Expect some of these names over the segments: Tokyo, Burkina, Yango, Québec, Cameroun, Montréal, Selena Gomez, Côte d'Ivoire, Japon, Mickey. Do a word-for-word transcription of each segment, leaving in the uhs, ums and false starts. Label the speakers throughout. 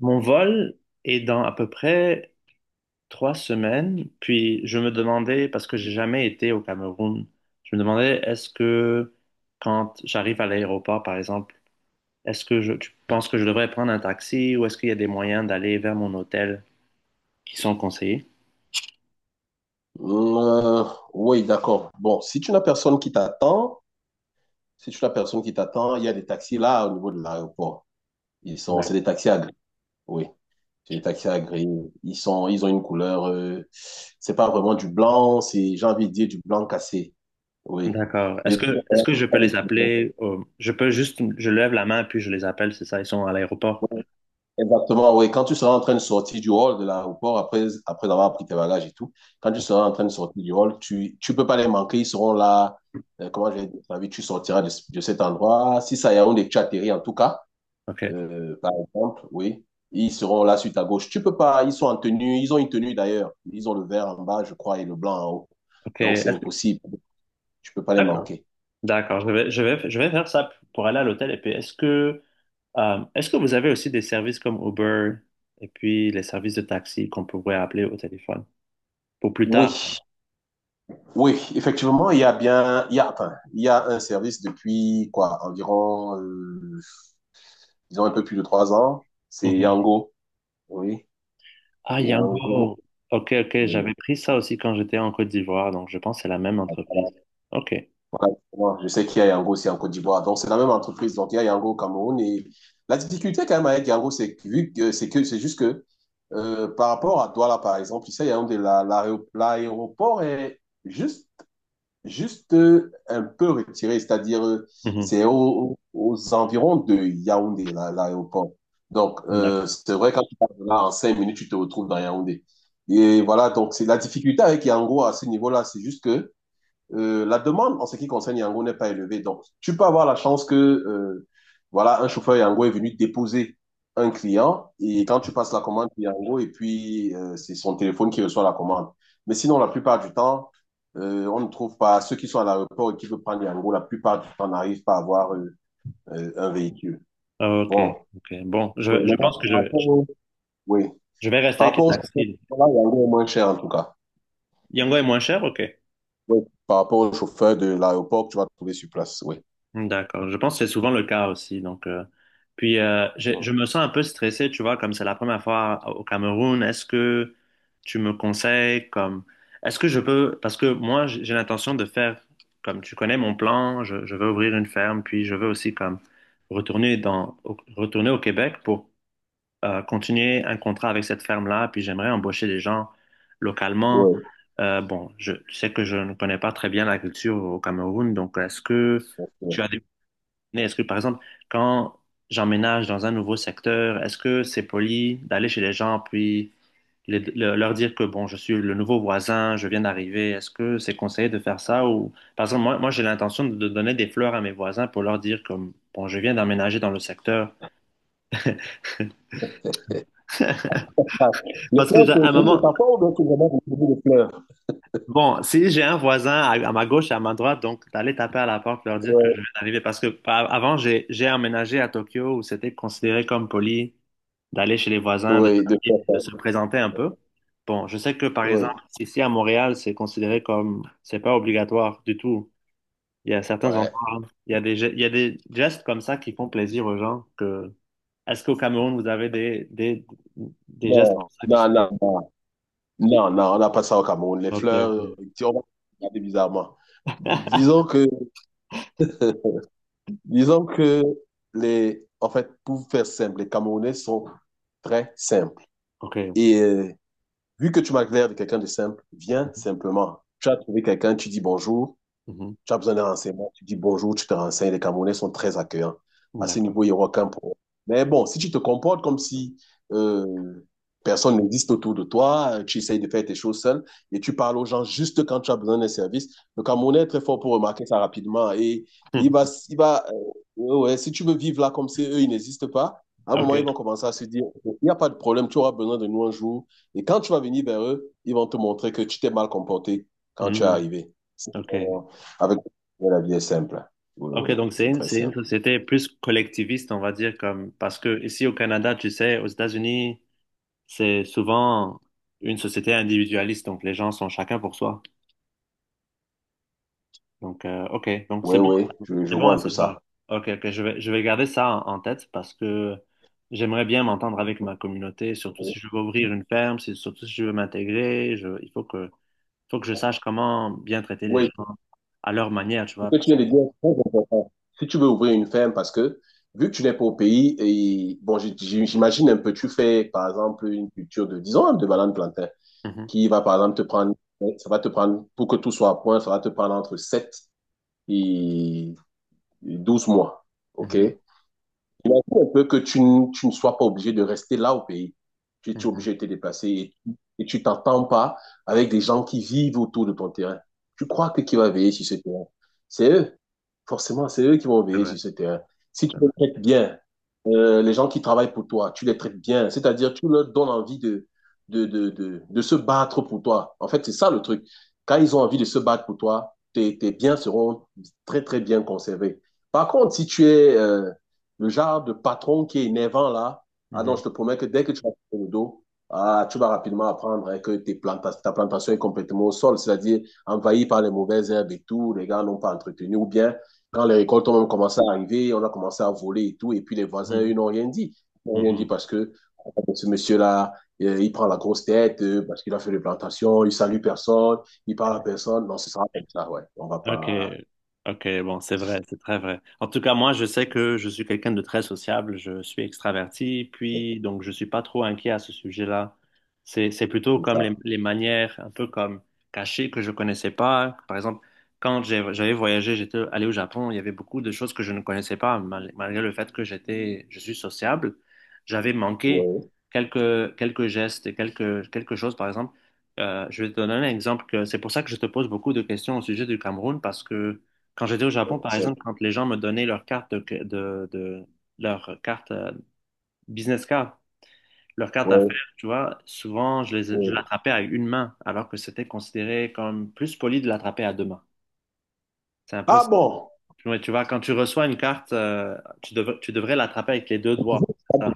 Speaker 1: Mon vol est dans à peu près trois semaines, puis je me demandais, parce que j'ai jamais été au Cameroun, je me demandais est-ce que quand j'arrive à l'aéroport, par exemple, est-ce que je, tu penses que je devrais prendre un taxi ou est-ce qu'il y a des moyens d'aller vers mon hôtel qui sont conseillés?
Speaker 2: Euh, oui, d'accord. Bon, si tu n'as personne qui t'attend, si tu n'as personne qui t'attend, il y a des taxis là au niveau de l'aéroport. Ils sont, c'est
Speaker 1: D'ac-
Speaker 2: des taxis à gris. Oui, c'est des taxis à gris. Ils sont, ils ont une couleur. Euh, c'est pas vraiment du blanc. C'est, j'ai envie de dire du blanc cassé. Oui.
Speaker 1: D'accord. Est-ce
Speaker 2: Mais
Speaker 1: que est-ce que je peux les appeler? Euh, je peux juste, je lève la main puis je les appelle, c'est ça, ils sont à l'aéroport.
Speaker 2: Exactement, oui. Quand tu seras en train de sortir du hall de l'aéroport, après, après avoir pris tes bagages et tout, quand tu seras en train de sortir du hall, tu ne peux pas les manquer. Ils seront là. Euh, comment je vais dire ça. Tu sortiras de, de cet endroit. Si ça y est, on tu atterri en tout cas,
Speaker 1: Ok.
Speaker 2: euh, par exemple, oui, ils seront là sur ta gauche. Tu peux pas. Ils sont en tenue. Ils ont une tenue d'ailleurs. Ils ont le vert en bas, je crois, et le blanc en haut.
Speaker 1: Ok.
Speaker 2: Donc, c'est
Speaker 1: Est-ce que-
Speaker 2: impossible. Tu peux pas les
Speaker 1: D'accord.
Speaker 2: manquer.
Speaker 1: D'accord. Je vais, je vais, je vais faire ça pour aller à l'hôtel. Et puis, est-ce que Euh, est-ce que vous avez aussi des services comme Uber et puis les services de taxi qu'on pourrait appeler au téléphone pour plus tard?
Speaker 2: Oui, oui, effectivement, il y a bien, il y a, enfin, il y a un service depuis quoi, environ euh, ils ont un peu plus de trois ans. C'est
Speaker 1: Mhm.
Speaker 2: Yango, oui.
Speaker 1: Ah,
Speaker 2: Yango,
Speaker 1: Yango. Ok, ok,
Speaker 2: oui.
Speaker 1: j'avais pris ça aussi quand j'étais en Côte d'Ivoire, donc je pense que c'est la même entreprise. Ok.
Speaker 2: Voilà, moi, je sais qu'il y a Yango aussi en Côte d'Ivoire. Donc, c'est la même entreprise. Donc, il y a Yango au Cameroun. Et la difficulté quand même avec Yango, c'est que, vu que- c'est que, c'est juste que euh, par rapport à Douala, par exemple, ici, il y a un de la- l'aéro- l'aéroport est juste juste euh, un peu retiré, c'est-à-dire euh,
Speaker 1: Mhm.
Speaker 2: c'est au- aux environs de Yaoundé, là, l'aéroport. Donc, euh,
Speaker 1: D'accord.
Speaker 2: c'est vrai, quand tu pars de là, en cinq minutes, tu te retrouves dans Yaoundé. Et voilà, donc c'est la difficulté avec Yango à ce niveau-là, c'est juste que euh, la demande en ce qui concerne Yango n'est pas élevée. Donc, tu peux avoir la chance que, euh, voilà, un chauffeur Yango est venu déposer un client et quand tu passes la commande Yango, et puis euh, c'est son téléphone qui reçoit la commande. Mais sinon, la plupart du temps, euh, on ne trouve pas, ceux qui sont à l'aéroport et qui veulent prendre Yango, la plupart du temps n'arrivent pas à avoir euh, euh, un véhicule.
Speaker 1: Ok,
Speaker 2: Bon,
Speaker 1: ok. Bon,
Speaker 2: oui,
Speaker 1: je, je pense
Speaker 2: maintenant,
Speaker 1: que
Speaker 2: par rapport
Speaker 1: je,
Speaker 2: au, oui.
Speaker 1: je vais rester
Speaker 2: Par
Speaker 1: avec les
Speaker 2: rapport au chauffeur,
Speaker 1: taxis.
Speaker 2: voilà, Yango est moins cher en tout cas.
Speaker 1: Yango est moins cher? Ok.
Speaker 2: Oui. Par rapport au chauffeur de l'aéroport que tu vas trouver sur place, oui.
Speaker 1: D'accord, je pense que c'est souvent le cas aussi. Donc, euh, puis euh, je,
Speaker 2: Ouais,
Speaker 1: je me sens un peu stressé, tu vois, comme c'est la première fois au Cameroun. Est-ce que tu me conseilles comme, est-ce que je peux, parce que moi j'ai j'ai l'intention de faire, comme tu connais mon plan, je, je veux ouvrir une ferme, puis je veux aussi comme retourner dans, au- retourner au Québec pour euh, continuer un contrat avec cette ferme-là, puis j'aimerais embaucher des gens localement.
Speaker 2: ouais,
Speaker 1: Euh, bon, je tu sais que je ne connais pas très bien la culture au Cameroun, donc est-ce que
Speaker 2: bien sûr.
Speaker 1: mais est-ce que, par exemple, quand j'emménage dans un nouveau secteur, est-ce que c'est poli d'aller chez les gens puis les- le- leur dire que, bon, je suis le nouveau voisin, je viens d'arriver, est-ce que c'est conseillé de faire ça ou, par exemple, moi, moi j'ai l'intention de donner des fleurs à mes voisins pour leur dire comme, bon, je viens d'emménager dans le secteur.
Speaker 2: Ah, le
Speaker 1: Parce que
Speaker 2: fleur,
Speaker 1: j'ai-
Speaker 2: c'est
Speaker 1: à un
Speaker 2: c'est une
Speaker 1: moment,
Speaker 2: métaphore ou bien tu vraiment pour de fleurs?
Speaker 1: bon, si j'ai un voisin à, à ma gauche et à ma droite, donc d'aller taper à la porte, leur dire que je
Speaker 2: Ouais.
Speaker 1: viens d'arriver. Parce que pa- avant, j'ai j'ai emménagé à Tokyo où c'était considéré comme poli d'aller chez les voisins, de,
Speaker 2: Oui, de
Speaker 1: taper,
Speaker 2: fleurs.
Speaker 1: de se présenter un peu. Bon, je sais que par
Speaker 2: Oui,
Speaker 1: exemple, ici à Montréal, c'est considéré comme, c'est pas obligatoire du tout. Il y a certains
Speaker 2: ouais.
Speaker 1: endroits, il y a des, ge- il y a des gestes comme ça qui font plaisir aux gens que, est-ce qu'au Cameroun, vous avez des, des, des gestes
Speaker 2: Non,
Speaker 1: comme ça qui sont,
Speaker 2: non, non, non, non, on n'a pas ça au Cameroun. Les
Speaker 1: ok, ok,
Speaker 2: fleurs, tu- on va regarder bizarrement. Disons que, disons que les, en fait, pour faire simple, les Camerounais sont très simples.
Speaker 1: ok,
Speaker 2: Et euh, vu que tu m'as l'air de quelqu'un de simple, viens simplement. Tu as trouvé quelqu'un, tu dis bonjour.
Speaker 1: mhm.
Speaker 2: Tu as besoin d'un renseignement, tu dis bonjour, tu te renseignes. Les Camerounais sont très accueillants.
Speaker 1: Mhm.
Speaker 2: À ce
Speaker 1: D'accord.
Speaker 2: niveau, il n'y aura aucun problème. Mais bon, si tu te comportes comme si euh, personne n'existe autour de toi, euh, tu essayes de faire tes choses seul et tu parles aux gens juste quand tu as besoin d'un service, le Camerounais est très fort pour remarquer ça rapidement. Et il va,
Speaker 1: Hmm.
Speaker 2: il va, euh, ouais, ouais, si tu veux vivre là comme si eux, ils n'existent pas, à un
Speaker 1: Ok.
Speaker 2: moment, ils vont commencer à se dire, ok, il n'y a pas de problème, tu auras besoin de nous un jour. Et quand tu vas venir vers eux, ils vont te montrer que tu t'es mal comporté quand tu es
Speaker 1: Hmm.
Speaker 2: arrivé. C'est- euh,
Speaker 1: Ok.
Speaker 2: avec La vie est simple. Oui,
Speaker 1: Ok,
Speaker 2: oui,
Speaker 1: donc c'est
Speaker 2: c'est
Speaker 1: une,
Speaker 2: très
Speaker 1: c'est une
Speaker 2: simple.
Speaker 1: société plus collectiviste, on va dire, comme, parce que ici au Canada, tu sais, aux États-Unis, c'est souvent une société individualiste, donc les gens sont chacun pour soi. Donc, euh, ok, donc c'est
Speaker 2: Oui,
Speaker 1: bon,
Speaker 2: oui, je, je
Speaker 1: c'est bon
Speaker 2: vois
Speaker 1: à
Speaker 2: un peu
Speaker 1: savoir.
Speaker 2: ça.
Speaker 1: Ok, ok, je vais, je vais garder ça en, en tête parce que j'aimerais bien m'entendre avec ma communauté, surtout si je veux ouvrir une ferme, si, surtout si je veux m'intégrer, je, il faut que, faut que je sache comment bien traiter les
Speaker 2: Oui,
Speaker 1: gens à leur manière, tu
Speaker 2: ce
Speaker 1: vois.
Speaker 2: que tu
Speaker 1: parce-
Speaker 2: viens de dire est très important. Si tu veux ouvrir une ferme, parce que vu que tu n'es pas au pays, et bon, j- j- j'imagine un peu, tu fais par exemple une culture de, disons, de banane plantain,
Speaker 1: Mhm,
Speaker 2: qui va par exemple te prendre, ça va te prendre, pour que tout soit à point, ça va te prendre entre sept et douze mois. OK?
Speaker 1: mhm,
Speaker 2: Il a dit un peu que tu, n- tu ne sois pas obligé de rester là au pays. Tu, tu es
Speaker 1: mhm.
Speaker 2: obligé de te déplacer et, et tu t'entends pas avec des gens qui vivent autour de ton terrain. Tu crois que qui va veiller sur ce terrain? C'est eux. Forcément, c'est eux qui vont
Speaker 1: C'est
Speaker 2: veiller
Speaker 1: vrai,
Speaker 2: sur ce terrain. Si
Speaker 1: c'est
Speaker 2: tu les
Speaker 1: vrai.
Speaker 2: traites bien, euh, les gens qui travaillent pour toi, tu les traites bien. C'est-à-dire, tu leur donnes envie de, de, de, de, de se battre pour toi. En fait, c'est ça le truc. Quand ils ont envie de se battre pour toi, tes, tes biens seront très, très bien conservés. Par contre, si tu es... euh, le genre de patron qui est énervant là, ah non, je
Speaker 1: Mhm,
Speaker 2: te promets que dès que tu vas faire le dos, ah, tu vas rapidement apprendre hein, que tes planta- ta plantation est complètement au sol, c'est-à-dire envahie par les mauvaises herbes et tout, les gars n'ont pas entretenu, ou bien quand les récoltes ont même commencé à arriver, on a commencé à voler et tout, et puis les voisins, eux,
Speaker 1: mhm,
Speaker 2: n'ont rien dit. Ils n'ont rien dit
Speaker 1: mhm.
Speaker 2: parce que ah, ce monsieur-là, euh, il prend la grosse tête, euh, parce qu'il a fait les plantations, il salue personne, il parle à personne. Non, ce sera comme ça, ouais. On va
Speaker 1: Ok,
Speaker 2: pas...
Speaker 1: ok, bon, c'est vrai, c'est très vrai. En tout cas, moi, je sais que je suis quelqu'un de très sociable, je suis extraverti, puis donc je suis pas trop inquiet à ce sujet-là. C'est, c'est plutôt
Speaker 2: C'est
Speaker 1: comme les,
Speaker 2: ça.
Speaker 1: les manières un peu comme cachées que je connaissais pas. Par exemple, quand j'ai- j'avais voyagé, j'étais allé au Japon, il y avait beaucoup de choses que je ne connaissais pas, mal- malgré le fait que j'étais, je suis sociable, j'avais manqué
Speaker 2: Ouais.
Speaker 1: quelques, quelques gestes et quelques, quelque chose, par exemple. Euh, je vais te donner un exemple que c'est pour ça que je te pose beaucoup de questions au sujet du Cameroun parce que quand j'étais au Japon, par
Speaker 2: C'est...
Speaker 1: exemple, quand les gens me donnaient leur carte de, de, de- leur carte euh, business card, leur carte
Speaker 2: ouais,
Speaker 1: d'affaires, tu vois, souvent je les, je
Speaker 2: ouais.
Speaker 1: l'attrapais à une main alors que c'était considéré comme plus poli de l'attraper à deux mains. C'est un peu,
Speaker 2: Ah bon?
Speaker 1: Ouais, tu vois, quand tu reçois une carte, euh, tu devrais, tu devrais l'attraper avec les deux doigts. C'est ça.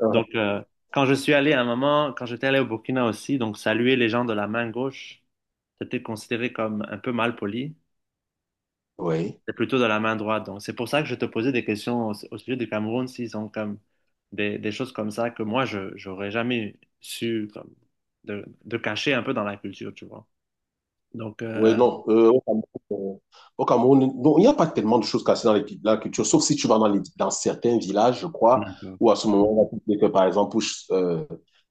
Speaker 2: Euh,
Speaker 1: Donc, euh, quand je suis allé à un moment, quand j'étais allé au Burkina aussi, donc saluer les gens de la main gauche. C'était considéré comme un peu mal poli.
Speaker 2: Oui.
Speaker 1: C'est plutôt de la main droite. Donc, c'est pour ça que je te posais des questions au, au sujet du Cameroun, s'ils ont comme des, des choses comme ça que moi, je j'aurais jamais su comme, de, de cacher un peu dans la culture, tu vois. Donc,
Speaker 2: Oui,
Speaker 1: euh,
Speaker 2: non. Euh, au Cameroun, euh, au Cameroun, non, il n'y a pas tellement de choses cassées dans les, la culture, sauf si tu vas dans, les- dans certains villages, je crois,
Speaker 1: d'accord.
Speaker 2: où à ce moment-là, tu sais que, par exemple, pour euh,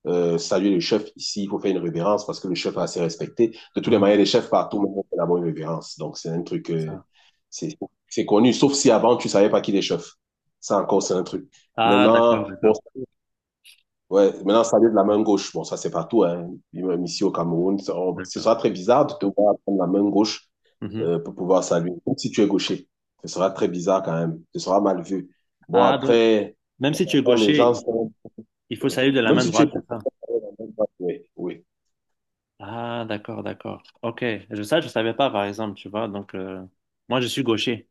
Speaker 2: euh, saluer le chef ici, il faut faire une révérence parce que le chef est assez respecté. De toutes les
Speaker 1: Mhm.
Speaker 2: manières, les chefs partout, mais on fait d'abord une révérence. Donc, c'est un truc,
Speaker 1: C'est
Speaker 2: euh,
Speaker 1: ça.
Speaker 2: c'est c'est connu, sauf si avant, tu savais pas qui est chef. Ça encore, c'est un truc.
Speaker 1: Ah, d'accord,
Speaker 2: Maintenant, bon,
Speaker 1: d'accord,
Speaker 2: Ouais, maintenant, ça vient de la main gauche. Bon, ça, c'est partout, hein. Puis même ici au Cameroun, ça- on- ce
Speaker 1: d'accord.
Speaker 2: sera très bizarre de te voir prendre la main gauche
Speaker 1: Mhm.
Speaker 2: euh, pour pouvoir saluer, même si tu es gaucher. Ce sera très bizarre quand même. Ce sera mal vu. Bon,
Speaker 1: Ah, donc,
Speaker 2: après,
Speaker 1: même si tu es
Speaker 2: bon, les
Speaker 1: gaucher,
Speaker 2: gens
Speaker 1: il faut
Speaker 2: sont...
Speaker 1: il faut saluer de la
Speaker 2: Même
Speaker 1: main
Speaker 2: si tu es
Speaker 1: droite, c'est
Speaker 2: gaucher,
Speaker 1: ça?
Speaker 2: oui, oui.
Speaker 1: Ah, d'accord, d'accord. Ok. Je, ça, je savais pas, par exemple, tu vois. Donc, euh, moi, je suis gaucher.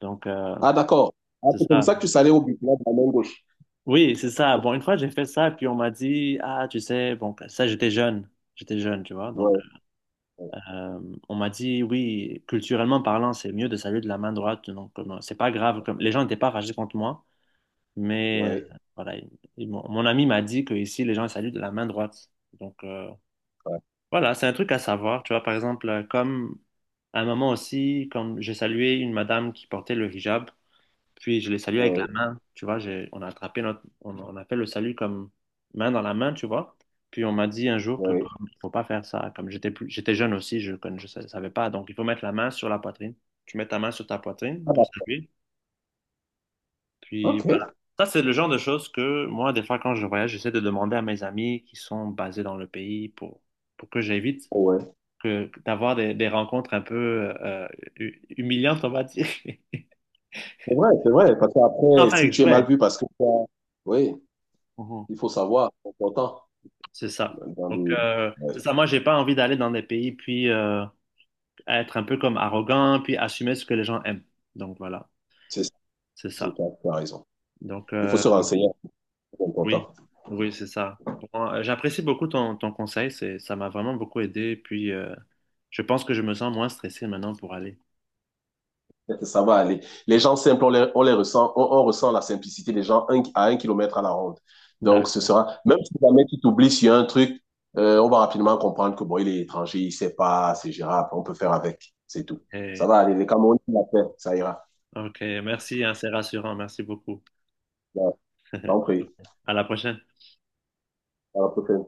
Speaker 1: Donc, euh,
Speaker 2: Ah, d'accord. Ah,
Speaker 1: c'est
Speaker 2: c'est comme
Speaker 1: ça.
Speaker 2: ça que tu salues au but, là, de la main gauche.
Speaker 1: Oui, c'est ça. Bon, une fois, j'ai fait ça, puis on m'a dit, ah, tu sais, bon, ça, j'étais jeune. J'étais jeune, tu vois. Donc,
Speaker 2: Ouais,
Speaker 1: euh, on m'a dit, oui, culturellement parlant, c'est mieux de saluer de la main droite. Donc, euh, non, c'est pas grave. Comme... Les gens n'étaient pas fâchés contre moi, mais euh,
Speaker 2: ouais,
Speaker 1: voilà. ils- ils m'ont- mon, ami m'a dit que ici, les gens saluent de la main droite. Donc, euh,
Speaker 2: ouais,
Speaker 1: voilà, c'est un truc à savoir. Tu vois, par exemple, euh, comme à un moment aussi, comme j'ai salué une madame qui portait le hijab. Puis je les salue
Speaker 2: ouais,
Speaker 1: avec la
Speaker 2: ouais.
Speaker 1: main, tu vois, j'ai- on a attrapé notre, on, on a fait le salut comme main dans la main, tu vois. Puis on m'a dit un jour que
Speaker 2: Ouais.
Speaker 1: comme, il faut pas faire ça, comme j'étais plus, j'étais jeune aussi, je ne je sa- savais pas, donc il faut mettre la main sur la poitrine. Tu mets ta main sur ta poitrine
Speaker 2: Ah,
Speaker 1: pour
Speaker 2: d'accord.
Speaker 1: saluer, puis
Speaker 2: Ok.
Speaker 1: voilà. Ça, c'est le genre de choses que moi, des fois, quand je voyage, j'essaie de demander à mes amis qui sont basés dans le pays pour, pour que j'évite
Speaker 2: Ouais.
Speaker 1: que d'avoir des, des rencontres un peu euh, hu- humiliantes, on va dire,
Speaker 2: C'est vrai, c'est vrai. Parce
Speaker 1: sans
Speaker 2: qu'après,
Speaker 1: faire
Speaker 2: si tu es mal
Speaker 1: exprès.
Speaker 2: vu parce que... Oui, il faut savoir, c'est important.
Speaker 1: C'est ça.
Speaker 2: Dans
Speaker 1: Donc,
Speaker 2: des-
Speaker 1: euh, c'est
Speaker 2: ouais,
Speaker 1: ça. Moi, j'ai pas envie d'aller dans des pays puis euh, être un peu comme arrogant puis assumer ce que les gens aiment. Donc, voilà,
Speaker 2: c'est ça,
Speaker 1: c'est ça.
Speaker 2: c'est ça, tu as raison.
Speaker 1: Donc,
Speaker 2: Il faut
Speaker 1: euh,
Speaker 2: se renseigner, c'est
Speaker 1: oui,
Speaker 2: important.
Speaker 1: oui, c'est ça. Bon, euh, j'apprécie beaucoup ton, ton conseil. C'est, ça m'a vraiment beaucoup aidé. Puis, euh, je pense que je me sens moins stressé maintenant pour aller.
Speaker 2: Ça va aller. Les gens simples, on les, on les ressent, on, on ressent la simplicité des gens un- à un kilomètre à la ronde. Donc, ce
Speaker 1: D'accord.
Speaker 2: sera, même si jamais tu t'oublies sur un truc, euh, on va rapidement comprendre que bon, il est étranger, il sait pas, c'est gérable, on peut faire avec, c'est tout. Ça
Speaker 1: Et-
Speaker 2: va aller. Les Camerounais, ils l'ont fait, ça ira.
Speaker 1: ok, merci, hein, c'est rassurant. Merci beaucoup.
Speaker 2: Ouais, t'en prie.
Speaker 1: À la prochaine.
Speaker 2: À la prochaine.